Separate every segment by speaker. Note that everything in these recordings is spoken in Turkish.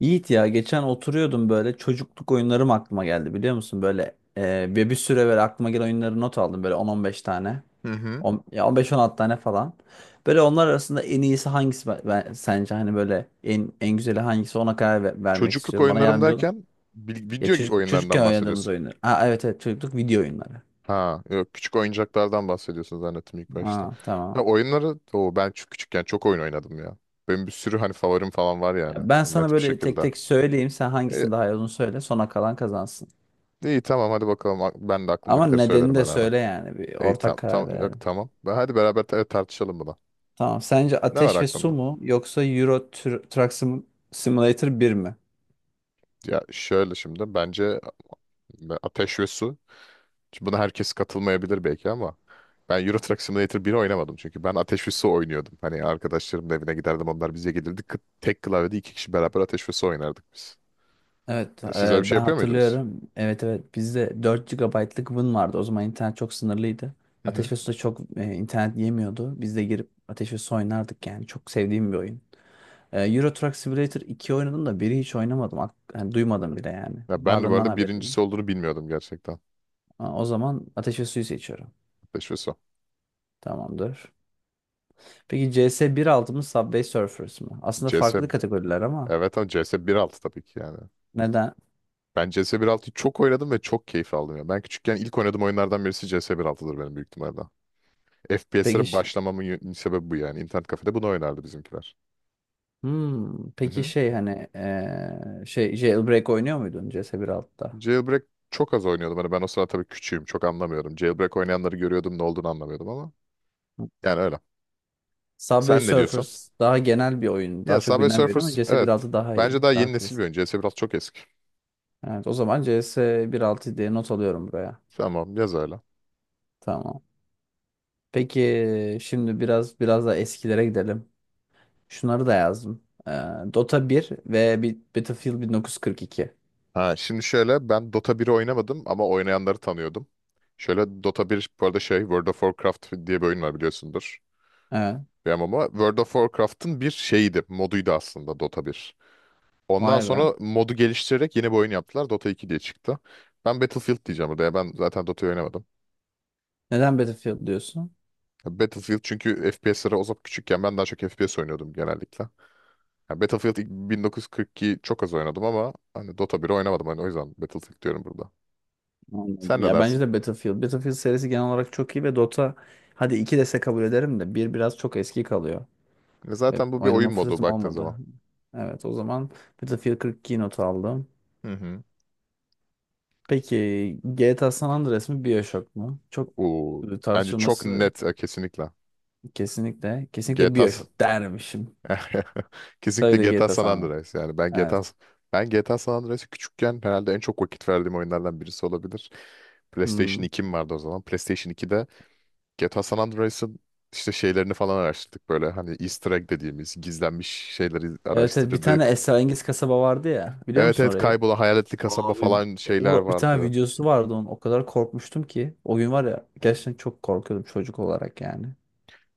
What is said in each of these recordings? Speaker 1: Yiğit ya geçen oturuyordum böyle çocukluk oyunlarım aklıma geldi biliyor musun? Böyle bir süre böyle aklıma gelen oyunları not aldım böyle on beş tane.
Speaker 2: Hı hı.
Speaker 1: Ya on beş on 16 tane falan. Böyle onlar arasında en iyisi hangisi, sence hani böyle en güzeli hangisi ona karar vermek
Speaker 2: Çocukluk
Speaker 1: istiyorum. Bana
Speaker 2: oyunlarım
Speaker 1: yardımcı olun.
Speaker 2: derken
Speaker 1: Ya
Speaker 2: video
Speaker 1: çocukken
Speaker 2: oyunlarından
Speaker 1: oynadığımız
Speaker 2: bahsediyorsun.
Speaker 1: oyunlar. Ha, evet, evet, çocukluk video oyunları.
Speaker 2: Ha, yok küçük oyuncaklardan bahsediyorsun zannettim ilk başta.
Speaker 1: Ha,
Speaker 2: Ha,
Speaker 1: tamam.
Speaker 2: oyunları o ben çok küçükken çok oyun oynadım ya. Benim bir sürü hani favorim falan var yani
Speaker 1: Ya ben sana
Speaker 2: net bir
Speaker 1: böyle
Speaker 2: şekilde.
Speaker 1: tek tek söyleyeyim, sen
Speaker 2: E,
Speaker 1: hangisini daha iyi olduğunu söyle, sona kalan kazansın.
Speaker 2: iyi tamam hadi bakalım ben de
Speaker 1: Ama
Speaker 2: aklımdakileri
Speaker 1: nedenini
Speaker 2: söylerim
Speaker 1: de
Speaker 2: ara ara.
Speaker 1: söyle yani bir
Speaker 2: İyi
Speaker 1: ortak
Speaker 2: tam
Speaker 1: karar
Speaker 2: tam yok
Speaker 1: verelim.
Speaker 2: tamam. Hadi beraber tartışalım bunu.
Speaker 1: Tamam. Sence
Speaker 2: Ne var
Speaker 1: Ateş ve Su
Speaker 2: aklında?
Speaker 1: mu yoksa Euro Truck Simulator 1 mi?
Speaker 2: Ya şöyle şimdi bence Ateş ve Su. Şimdi buna herkes katılmayabilir belki ama ben Euro Truck Simulator 1'i oynamadım çünkü ben Ateş ve Su oynuyordum. Hani arkadaşlarımın evine giderdim onlar bize gelirdi. Tek klavyede iki kişi beraber Ateş ve Su oynardık biz.
Speaker 1: Evet,
Speaker 2: E, siz öyle bir şey
Speaker 1: ben
Speaker 2: yapıyor muydunuz?
Speaker 1: hatırlıyorum. Evet, evet, bizde 4 GB'lık Win vardı. O zaman internet çok sınırlıydı.
Speaker 2: Hı hı.
Speaker 1: Ateş ve Su'da çok internet yemiyordu. Biz de girip Ateş ve Su oynardık yani. Çok sevdiğim bir oyun. Euro Truck Simulator 2 oynadım da biri hiç oynamadım. Yani duymadım bile yani.
Speaker 2: Ya ben de bu
Speaker 1: Varlığından
Speaker 2: arada
Speaker 1: haberim yok.
Speaker 2: birincisi olduğunu bilmiyordum gerçekten.
Speaker 1: Ha, o zaman Ateş ve Su'yu seçiyorum.
Speaker 2: Ateş ve Su.
Speaker 1: Tamamdır. Peki CS 1.6 mı Subway Surfers mı? Aslında
Speaker 2: CS,
Speaker 1: farklı kategoriler ama
Speaker 2: evet ama CS 1.6 tabii ki yani.
Speaker 1: neden?
Speaker 2: Ben CS 1.6'yı çok oynadım ve çok keyif aldım ya. Ben küçükken ilk oynadığım oyunlardan birisi CS 1.6'dır benim büyük ihtimalle.
Speaker 1: Peki
Speaker 2: FPS'lere
Speaker 1: ş-
Speaker 2: başlamamın sebebi bu yani. İnternet kafede bunu oynardı bizimkiler. Hı
Speaker 1: peki
Speaker 2: hı.
Speaker 1: şey, hani, şey, Jailbreak oynuyor muydun CS1.6'da?
Speaker 2: Jailbreak çok az oynuyordum. Hani ben o sırada tabii küçüğüm. Çok anlamıyordum. Jailbreak oynayanları görüyordum ne olduğunu anlamıyordum ama. Yani öyle.
Speaker 1: Subway
Speaker 2: Sen ne diyorsun?
Speaker 1: Surfers daha genel bir oyun. Daha
Speaker 2: Ya
Speaker 1: çok
Speaker 2: Subway
Speaker 1: bilinen bir oyun ama
Speaker 2: Surfers, evet.
Speaker 1: CS1.6 daha iyi.
Speaker 2: Bence daha
Speaker 1: Daha
Speaker 2: yeni nesil bir
Speaker 1: klasik.
Speaker 2: oyun. C S biraz çok eski.
Speaker 1: Evet, o zaman CS1.6 diye not alıyorum buraya.
Speaker 2: Tamam yaz öyle.
Speaker 1: Tamam. Peki şimdi biraz da eskilere gidelim. Şunları da yazdım. Dota 1 ve bir Battlefield 1942.
Speaker 2: Ha, şimdi şöyle ben Dota biri oynamadım ama oynayanları tanıyordum. Şöyle Dota bir, bu arada şey, World of Warcraft diye bir oyun var biliyorsundur.
Speaker 1: Evet.
Speaker 2: Bir MMO. World of Warcraft'ın bir şeyiydi. Moduydu aslında Dota bir. Ondan
Speaker 1: Vay be.
Speaker 2: sonra modu geliştirerek yeni bir oyun yaptılar. Dota 2 diye çıktı. Ben Battlefield diyeceğim burada ya. Ben zaten Dota'yı oynamadım.
Speaker 1: Neden Battlefield diyorsun?
Speaker 2: Ya Battlefield çünkü FPS'lere, o zaman küçükken ben daha çok FPS oynuyordum genellikle. Ya Battlefield ilk 1942 çok az oynadım ama hani Dota biri oynamadım, hani o yüzden Battlefield diyorum burada. Sen
Speaker 1: Anladım.
Speaker 2: ne
Speaker 1: Ya bence
Speaker 2: dersin?
Speaker 1: de Battlefield. Battlefield serisi genel olarak çok iyi ve Dota, hadi 2 dese kabul ederim de bir biraz çok eski kalıyor.
Speaker 2: E,
Speaker 1: Ve
Speaker 2: zaten bu bir
Speaker 1: oynama
Speaker 2: oyun modu
Speaker 1: fırsatım
Speaker 2: baktığın
Speaker 1: olmadı.
Speaker 2: zaman.
Speaker 1: Evet, o zaman Battlefield 42 not aldım.
Speaker 2: Hı hı.
Speaker 1: Peki GTA San Andreas mı BioShock mu? Çok
Speaker 2: Oo, bence çok
Speaker 1: tartışılması
Speaker 2: net, kesinlikle.
Speaker 1: kesinlikle. Kesinlikle
Speaker 2: GTA s-
Speaker 1: BioShock dermişim.
Speaker 2: Kesinlikle
Speaker 1: Tabii de
Speaker 2: GTA
Speaker 1: GTA
Speaker 2: San
Speaker 1: San Andreas.
Speaker 2: Andreas, yani ben GTA
Speaker 1: Evet.
Speaker 2: s- ben GTA San Andreas'ı küçükken herhalde en çok vakit verdiğim oyunlardan birisi olabilir. PlayStation
Speaker 1: Hmm.
Speaker 2: 2'm vardı o zaman. PlayStation 2'de GTA San Andreas'ın işte şeylerini falan araştırdık, böyle hani Easter egg dediğimiz gizlenmiş şeyleri
Speaker 1: Evet, evet, bir tane
Speaker 2: araştırdık.
Speaker 1: esrarengiz kasaba vardı ya. Biliyor
Speaker 2: Evet,
Speaker 1: musun
Speaker 2: evet,
Speaker 1: orayı?
Speaker 2: kaybolan hayaletli kasaba
Speaker 1: Abi,
Speaker 2: falan şeyler
Speaker 1: bir tane
Speaker 2: vardı.
Speaker 1: videosu vardı onun. O kadar korkmuştum ki. O gün var ya, gerçekten çok korkuyordum çocuk olarak yani.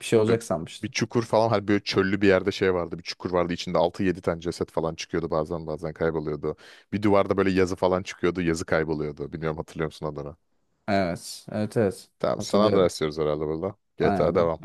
Speaker 1: Bir şey
Speaker 2: Ö-
Speaker 1: olacak
Speaker 2: Bir
Speaker 1: sanmıştım.
Speaker 2: çukur falan, hani böyle çöllü bir yerde şey vardı, bir çukur vardı, içinde altı yedi tane ceset falan çıkıyordu, bazen bazen kayboluyordu. Bir duvarda böyle yazı falan çıkıyordu, yazı kayboluyordu, bilmiyorum, hatırlıyor musun adını?
Speaker 1: Evet. Evet, evet.
Speaker 2: Tamam San
Speaker 1: Hatırlıyorum.
Speaker 2: Andreas diyoruz herhalde burada. GTA
Speaker 1: Aynen.
Speaker 2: devam.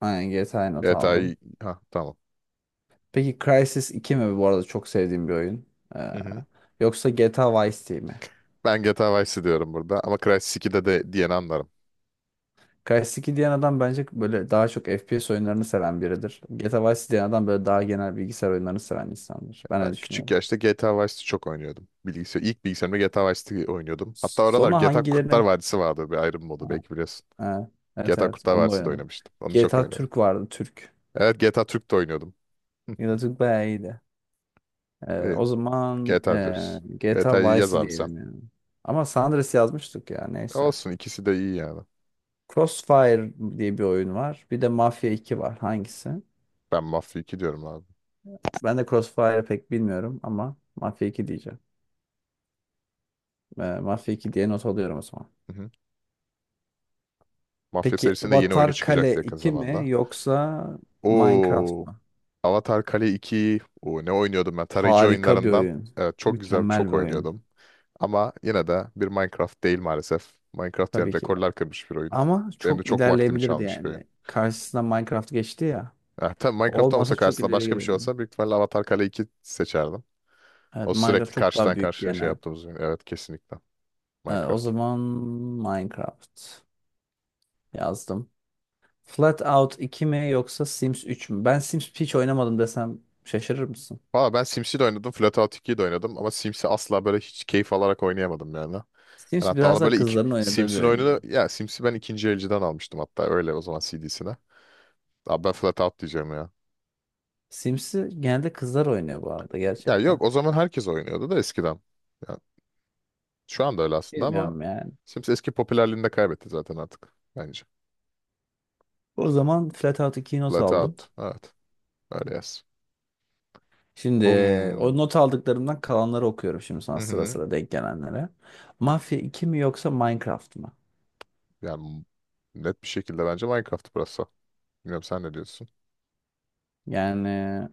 Speaker 1: Aynen GTA not aldım.
Speaker 2: GTA'yı, ha, tamam.
Speaker 1: Peki Crysis 2 mi, bu arada çok sevdiğim bir oyun, Ee,
Speaker 2: Hı hı.
Speaker 1: yoksa GTA Vice City mi?
Speaker 2: Ben GTA Vice diyorum burada ama Crysis 2'de de diyeni anlarım.
Speaker 1: Crysis 2 diyen adam bence böyle daha çok FPS oyunlarını seven biridir. GTA Vice City diyen adam böyle daha genel bilgisayar oyunlarını seven insandır. Ben öyle
Speaker 2: Ben küçük
Speaker 1: düşünüyorum.
Speaker 2: yaşta GTA Vice City çok oynuyordum. Bilgisayar, ilk bilgisayarımda GTA Vice City oynuyordum. Hatta oralar
Speaker 1: Sonra
Speaker 2: GTA Kurtlar
Speaker 1: hangilerinin.
Speaker 2: Vadisi vardı, bir ayrım modu, belki biliyorsun.
Speaker 1: Ha, evet,
Speaker 2: GTA
Speaker 1: evet,
Speaker 2: Kurtlar
Speaker 1: onu da
Speaker 2: Vadisi de
Speaker 1: oynadım.
Speaker 2: oynamıştım. Onu çok
Speaker 1: GTA
Speaker 2: oynadım.
Speaker 1: Türk vardı, Türk.
Speaker 2: Evet, GTA Türk de oynuyordum. Hı,
Speaker 1: GTA Türk bayağı iyiydi.
Speaker 2: İyi.
Speaker 1: O zaman,
Speaker 2: GTA diyoruz.
Speaker 1: GTA
Speaker 2: GTA'yı
Speaker 1: Vice
Speaker 2: yaz
Speaker 1: City
Speaker 2: abi sen.
Speaker 1: diyelim yani. Ama San Andreas yazmıştık ya, neyse.
Speaker 2: Olsun, ikisi de iyi yani.
Speaker 1: Crossfire diye bir oyun var. Bir de Mafia iki var. Hangisi?
Speaker 2: Ben Mafya 2 diyorum abi.
Speaker 1: Ben de Crossfire'ı pek bilmiyorum ama Mafia iki diyeceğim. Mafia 2 diye not alıyorum o zaman.
Speaker 2: Hı hı. Mafya
Speaker 1: Peki
Speaker 2: serisinin de yeni oyunu
Speaker 1: Avatar Kale
Speaker 2: çıkacaktı yakın
Speaker 1: 2
Speaker 2: zamanda.
Speaker 1: mi yoksa Minecraft
Speaker 2: Oo,
Speaker 1: mı?
Speaker 2: Avatar Kale 2. Oo, ne oynuyordum ben? Tarayıcı
Speaker 1: Harika bir
Speaker 2: oyunlarından.
Speaker 1: oyun.
Speaker 2: Evet, çok güzel,
Speaker 1: Mükemmel bir
Speaker 2: çok
Speaker 1: oyun.
Speaker 2: oynuyordum. Ama yine de bir Minecraft değil maalesef. Minecraft yani
Speaker 1: Tabii ki.
Speaker 2: rekorlar kırmış bir oyun.
Speaker 1: Ama
Speaker 2: Benim de
Speaker 1: çok
Speaker 2: çok vaktimi
Speaker 1: ilerleyebilirdi
Speaker 2: çalmış bir
Speaker 1: yani.
Speaker 2: oyun.
Speaker 1: Karşısına Minecraft geçti ya.
Speaker 2: Ya, tabii
Speaker 1: O
Speaker 2: Minecraft
Speaker 1: olmasa
Speaker 2: olmasa
Speaker 1: çok
Speaker 2: karşısında,
Speaker 1: ileri
Speaker 2: başka bir
Speaker 1: gidiyor
Speaker 2: şey
Speaker 1: yani.
Speaker 2: olsa büyük ihtimalle Avatar Kale 2 seçerdim.
Speaker 1: Evet,
Speaker 2: O sürekli
Speaker 1: Minecraft çok daha
Speaker 2: karşıdan
Speaker 1: büyük,
Speaker 2: karşıya şey
Speaker 1: genel.
Speaker 2: yaptığımız oyun. Evet, kesinlikle
Speaker 1: Evet, o
Speaker 2: Minecraft.
Speaker 1: zaman Minecraft yazdım. Flatout 2 mi yoksa Sims 3 mü? Ben Sims hiç oynamadım desem şaşırır mısın?
Speaker 2: Valla ben Sims'i de oynadım, Flatout 2'yi de oynadım ama Sims'i asla böyle hiç keyif alarak oynayamadım yani. Ben
Speaker 1: Sims
Speaker 2: hatta
Speaker 1: biraz
Speaker 2: onu
Speaker 1: daha
Speaker 2: böyle iki,
Speaker 1: kızların oynadığı bir
Speaker 2: Sims'in
Speaker 1: oyun
Speaker 2: oyununu,
Speaker 1: yani.
Speaker 2: ya Sims'i ben ikinci elciden almıştım hatta, öyle o zaman CD'sine. Abi ben Flatout diyeceğim ya.
Speaker 1: Sims'i genelde kızlar oynuyor bu arada,
Speaker 2: Ya
Speaker 1: gerçekten.
Speaker 2: yok, o zaman herkes oynuyordu da eskiden. Ya, şu anda öyle aslında ama
Speaker 1: Bilmiyorum yani.
Speaker 2: Sims eski popülerliğini de kaybetti zaten artık bence.
Speaker 1: O zaman Flatout 2'yi not aldım.
Speaker 2: Blackout. Evet. Öyle yaz.
Speaker 1: Şimdi
Speaker 2: Hmm.
Speaker 1: o not aldıklarımdan kalanları okuyorum şimdi
Speaker 2: Hı
Speaker 1: sana, sıra
Speaker 2: hı.
Speaker 1: sıra denk gelenlere. Mafya iki mi yoksa Minecraft mı?
Speaker 2: Yani net bir şekilde bence Minecraft burası. Bilmiyorum, sen ne diyorsun?
Speaker 1: Yani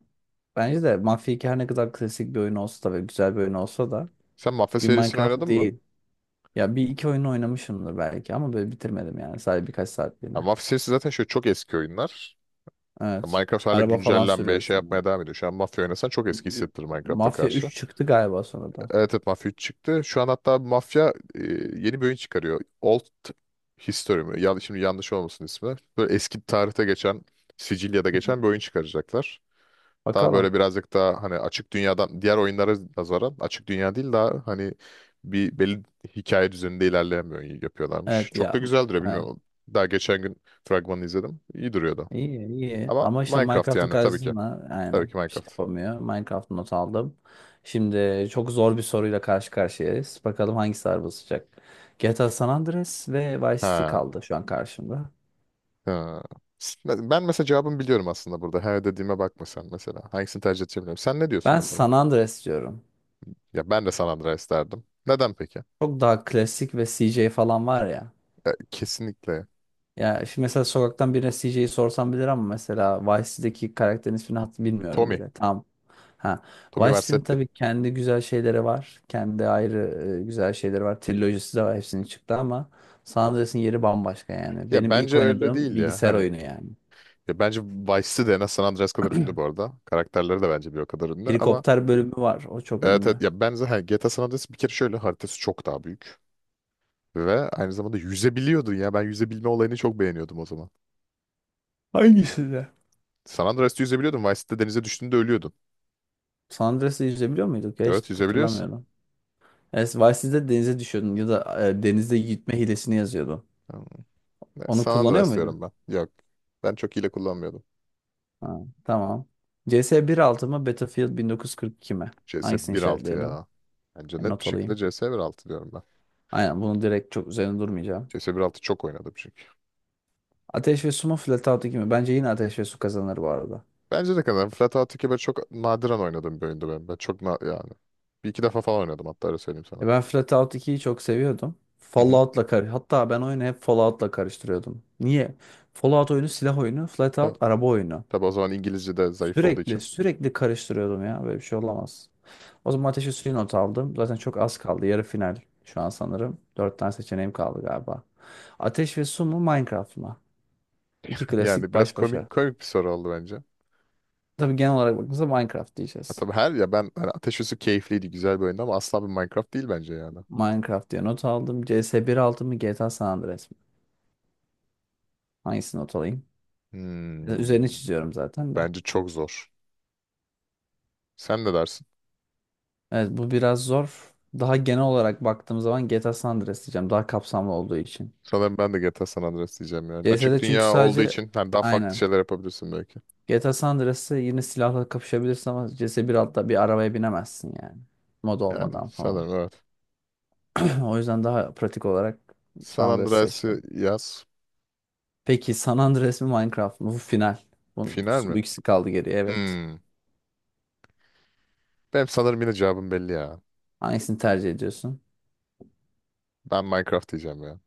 Speaker 1: bence de Mafya iki her ne kadar klasik bir oyun olsa da ve güzel bir oyun olsa da
Speaker 2: Sen Mafya
Speaker 1: bir
Speaker 2: serisini
Speaker 1: Minecraft
Speaker 2: oynadın mı?
Speaker 1: değil. Ya bir iki oyunu oynamışımdır belki ama böyle bitirmedim yani, sadece birkaç
Speaker 2: Ya
Speaker 1: saatliğine.
Speaker 2: Mafya serisi zaten şöyle çok eski oyunlar. Ya
Speaker 1: Evet.
Speaker 2: Minecraft hala
Speaker 1: Araba falan
Speaker 2: güncellenmeye şey
Speaker 1: sürüyorsun yani.
Speaker 2: yapmaya devam ediyor. Şu an Mafya oynasan çok eski
Speaker 1: Ü-
Speaker 2: hissettirir Minecraft'a
Speaker 1: Mafya
Speaker 2: karşı.
Speaker 1: üç çıktı galiba sonradan.
Speaker 2: Evet, evet, Mafya 3 çıktı. Şu an hatta Mafya yeni bir oyun çıkarıyor. Old History mi? Şimdi yanlış olmasın ismi. Böyle eski tarihte geçen, Sicilya'da
Speaker 1: Hı.
Speaker 2: geçen bir oyun çıkaracaklar. Daha böyle
Speaker 1: Bakalım.
Speaker 2: birazcık daha, hani açık dünyadan, diğer oyunlara nazaran açık dünya değil, daha hani bir belli hikaye düzeninde ilerleyen bir oyun yapıyorlarmış.
Speaker 1: Evet
Speaker 2: Çok
Speaker 1: ya.
Speaker 2: da güzel duruyor,
Speaker 1: Evet.
Speaker 2: bilmiyorum. Daha geçen gün fragmanını izledim. İyi duruyordu.
Speaker 1: İyi, iyi,
Speaker 2: Ama
Speaker 1: ama işte
Speaker 2: Minecraft
Speaker 1: Minecraft'ın
Speaker 2: yani, tabii ki.
Speaker 1: karşısında
Speaker 2: Tabii
Speaker 1: aynen
Speaker 2: ki
Speaker 1: bir şey
Speaker 2: Minecraft.
Speaker 1: yapamıyor. Minecraft not aldım. Şimdi çok zor bir soruyla karşı karşıyayız. Bakalım hangisi ağır basacak. GTA San Andreas ve Vice City
Speaker 2: Ha.
Speaker 1: kaldı şu an karşımda.
Speaker 2: Ha. Ben mesela cevabımı biliyorum aslında burada. Her dediğime bakma sen mesela. Hangisini tercih edeceğim? Sen ne diyorsun
Speaker 1: Ben
Speaker 2: mesela?
Speaker 1: San Andreas diyorum.
Speaker 2: Ya ben de San Andreas derdim. Neden peki?
Speaker 1: Çok daha klasik ve CJ falan var ya.
Speaker 2: Ya kesinlikle.
Speaker 1: Ya şimdi mesela sokaktan birine CJ'yi sorsam bilir ama mesela Vice City'deki karakterin ismini hat bilmiyorum
Speaker 2: Tommy.
Speaker 1: bile. Tam. Ha.
Speaker 2: Tommy
Speaker 1: Vice City'nin
Speaker 2: Vercetti.
Speaker 1: tabii kendi güzel şeyleri var. Kendi ayrı güzel şeyleri var. Trilojisi de var, hepsinin çıktı ama San Andreas'ın yeri bambaşka yani.
Speaker 2: Ya
Speaker 1: Benim ilk
Speaker 2: bence öyle
Speaker 1: oynadığım
Speaker 2: değil ya.
Speaker 1: bilgisayar
Speaker 2: Hani
Speaker 1: oyunu yani.
Speaker 2: ya bence Vice City de en az San Andreas kadar ünlü bu arada. Karakterleri de bence bir o kadar ünlü ama
Speaker 1: Helikopter bölümü var, o çok
Speaker 2: evet, evet,
Speaker 1: ünlü.
Speaker 2: ya ben zaten GTA San Andreas bir kere şöyle haritası çok daha büyük. Ve aynı zamanda yüzebiliyordun ya. Ben yüzebilme olayını çok beğeniyordum o zaman.
Speaker 1: Hangisi de?
Speaker 2: San Andreas'ta yüzebiliyordun. Vice City'de denize düştüğünde ölüyordun.
Speaker 1: San Andreas'ı izleyebiliyor muyduk ya? Hiç
Speaker 2: Evet, yüzebiliyorsun.
Speaker 1: hatırlamıyorum. Evet, Vice City'de denize düşüyordun ya da denizde gitme hilesini yazıyordun.
Speaker 2: Yani, ne,
Speaker 1: Onu
Speaker 2: San
Speaker 1: kullanıyor
Speaker 2: Andreas
Speaker 1: muydun?
Speaker 2: diyorum ben. Yok. Ben çok hile kullanmıyordum.
Speaker 1: Ha, tamam. CS 1.6 mı Battlefield 1942 mi?
Speaker 2: CS
Speaker 1: Hangisini
Speaker 2: 1.6
Speaker 1: işaretleyelim?
Speaker 2: ya. Bence net bir
Speaker 1: Not
Speaker 2: şekilde
Speaker 1: alayım.
Speaker 2: CS 1.6 diyorum ben.
Speaker 1: Aynen, bunu direkt çok üzerine durmayacağım.
Speaker 2: CS 1.6 çok oynadım çünkü.
Speaker 1: Ateş ve Su mu Flatout 2 mi? Bence yine Ateş ve Su kazanır bu arada.
Speaker 2: Bence de kadar. Flatout 2 böyle çok nadiren oynadığım bir oyundu benim. Ben çok yani. Bir iki defa falan oynadım hatta, öyle söyleyeyim sana.
Speaker 1: Ben Flatout 2'yi çok seviyordum.
Speaker 2: Hı hı.
Speaker 1: Fallout'la hatta ben oyunu hep Fallout'la karıştırıyordum. Niye? Fallout oyunu silah oyunu,
Speaker 2: Ta-
Speaker 1: Flatout araba oyunu.
Speaker 2: Tabii o zaman İngilizce de zayıf olduğu
Speaker 1: Sürekli
Speaker 2: için.
Speaker 1: sürekli karıştırıyordum ya. Böyle bir şey olamaz. O zaman ateşi suyu not aldım. Zaten çok az kaldı. Yarı final şu an sanırım. Dört tane seçeneğim kaldı galiba. Ateş ve su mu Minecraft mı? İki
Speaker 2: Yani
Speaker 1: klasik
Speaker 2: biraz
Speaker 1: baş başa.
Speaker 2: komik komik bir soru oldu bence.
Speaker 1: Tabii genel olarak bakınca Minecraft
Speaker 2: Ha,
Speaker 1: diyeceğiz.
Speaker 2: tabii her, ya ben hani Ateş Üssü keyifliydi, güzel bir oyundu ama asla bir Minecraft değil bence yani.
Speaker 1: Minecraft diye not aldım. CS 1.6 mı GTA San Andreas mı? Hangisini not alayım?
Speaker 2: Hmm,
Speaker 1: Üzerini çiziyorum zaten de.
Speaker 2: bence çok zor. Sen ne dersin?
Speaker 1: Evet, bu biraz zor. Daha genel olarak baktığım zaman GTA San Andreas diyeceğim. Daha kapsamlı olduğu için.
Speaker 2: Sanırım ben de GTA San Andreas diyeceğim yani. Açık
Speaker 1: CS'de çünkü
Speaker 2: dünya olduğu
Speaker 1: sadece,
Speaker 2: için hani daha farklı
Speaker 1: aynen.
Speaker 2: şeyler yapabilirsin belki.
Speaker 1: GTA San Andreas'ta yine silahla kapışabilirsin ama CS bir altta bir arabaya binemezsin yani. Mod
Speaker 2: Yani
Speaker 1: olmadan falan.
Speaker 2: sanırım evet.
Speaker 1: O yüzden daha pratik olarak San
Speaker 2: San
Speaker 1: Andreas seçtim.
Speaker 2: Andreas'ı yaz.
Speaker 1: Peki San Andreas mı Minecraft mı? Bu final. Bu,
Speaker 2: Final mi?
Speaker 1: bu ikisi kaldı geriye, evet.
Speaker 2: Hmm. Benim sanırım yine cevabım belli ya.
Speaker 1: Hangisini tercih ediyorsun?
Speaker 2: Ben Minecraft diyeceğim ya.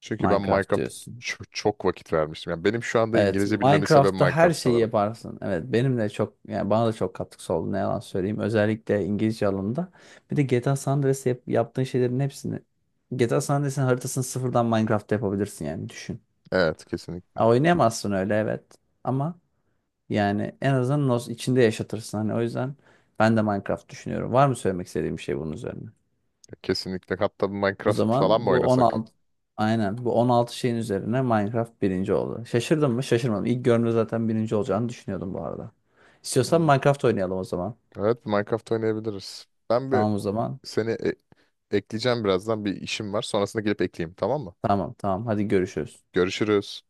Speaker 2: Çünkü ben
Speaker 1: Minecraft
Speaker 2: Minecraft'a
Speaker 1: diyorsun.
Speaker 2: çok vakit vermiştim. Yani benim şu anda
Speaker 1: Evet,
Speaker 2: İngilizce bilmemin sebebi
Speaker 1: Minecraft'ta her
Speaker 2: Minecraft
Speaker 1: şeyi
Speaker 2: sanırım.
Speaker 1: yaparsın. Evet, benim de çok, yani bana da çok katkısı oldu ne yalan söyleyeyim. Özellikle İngilizce alanında. Bir de GTA San Andreas yaptığın şeylerin hepsini, GTA San Andreas'ın haritasını sıfırdan Minecraft'ta yapabilirsin yani, düşün.
Speaker 2: Evet, kesinlikle.
Speaker 1: Ha, oynayamazsın öyle, evet. Ama yani en azından nos içinde yaşatırsın. Hani o yüzden ben de Minecraft düşünüyorum. Var mı söylemek istediğim bir şey bunun üzerine?
Speaker 2: Kesinlikle. Hatta bir
Speaker 1: O
Speaker 2: Minecraft falan
Speaker 1: zaman
Speaker 2: mı
Speaker 1: bu
Speaker 2: oynasak?
Speaker 1: 16 aynen bu 16 şeyin üzerine Minecraft birinci oldu. Şaşırdın mı? Şaşırmadım. İlk görünümde zaten birinci olacağını düşünüyordum bu arada. İstiyorsan
Speaker 2: Hmm.
Speaker 1: Minecraft oynayalım o zaman.
Speaker 2: Evet, Minecraft oynayabiliriz. Ben bir
Speaker 1: Tamam o zaman.
Speaker 2: seni ekleyeceğim birazdan. Bir işim var. Sonrasında gelip ekleyeyim, tamam mı?
Speaker 1: Tamam, tamam, hadi görüşürüz.
Speaker 2: Görüşürüz.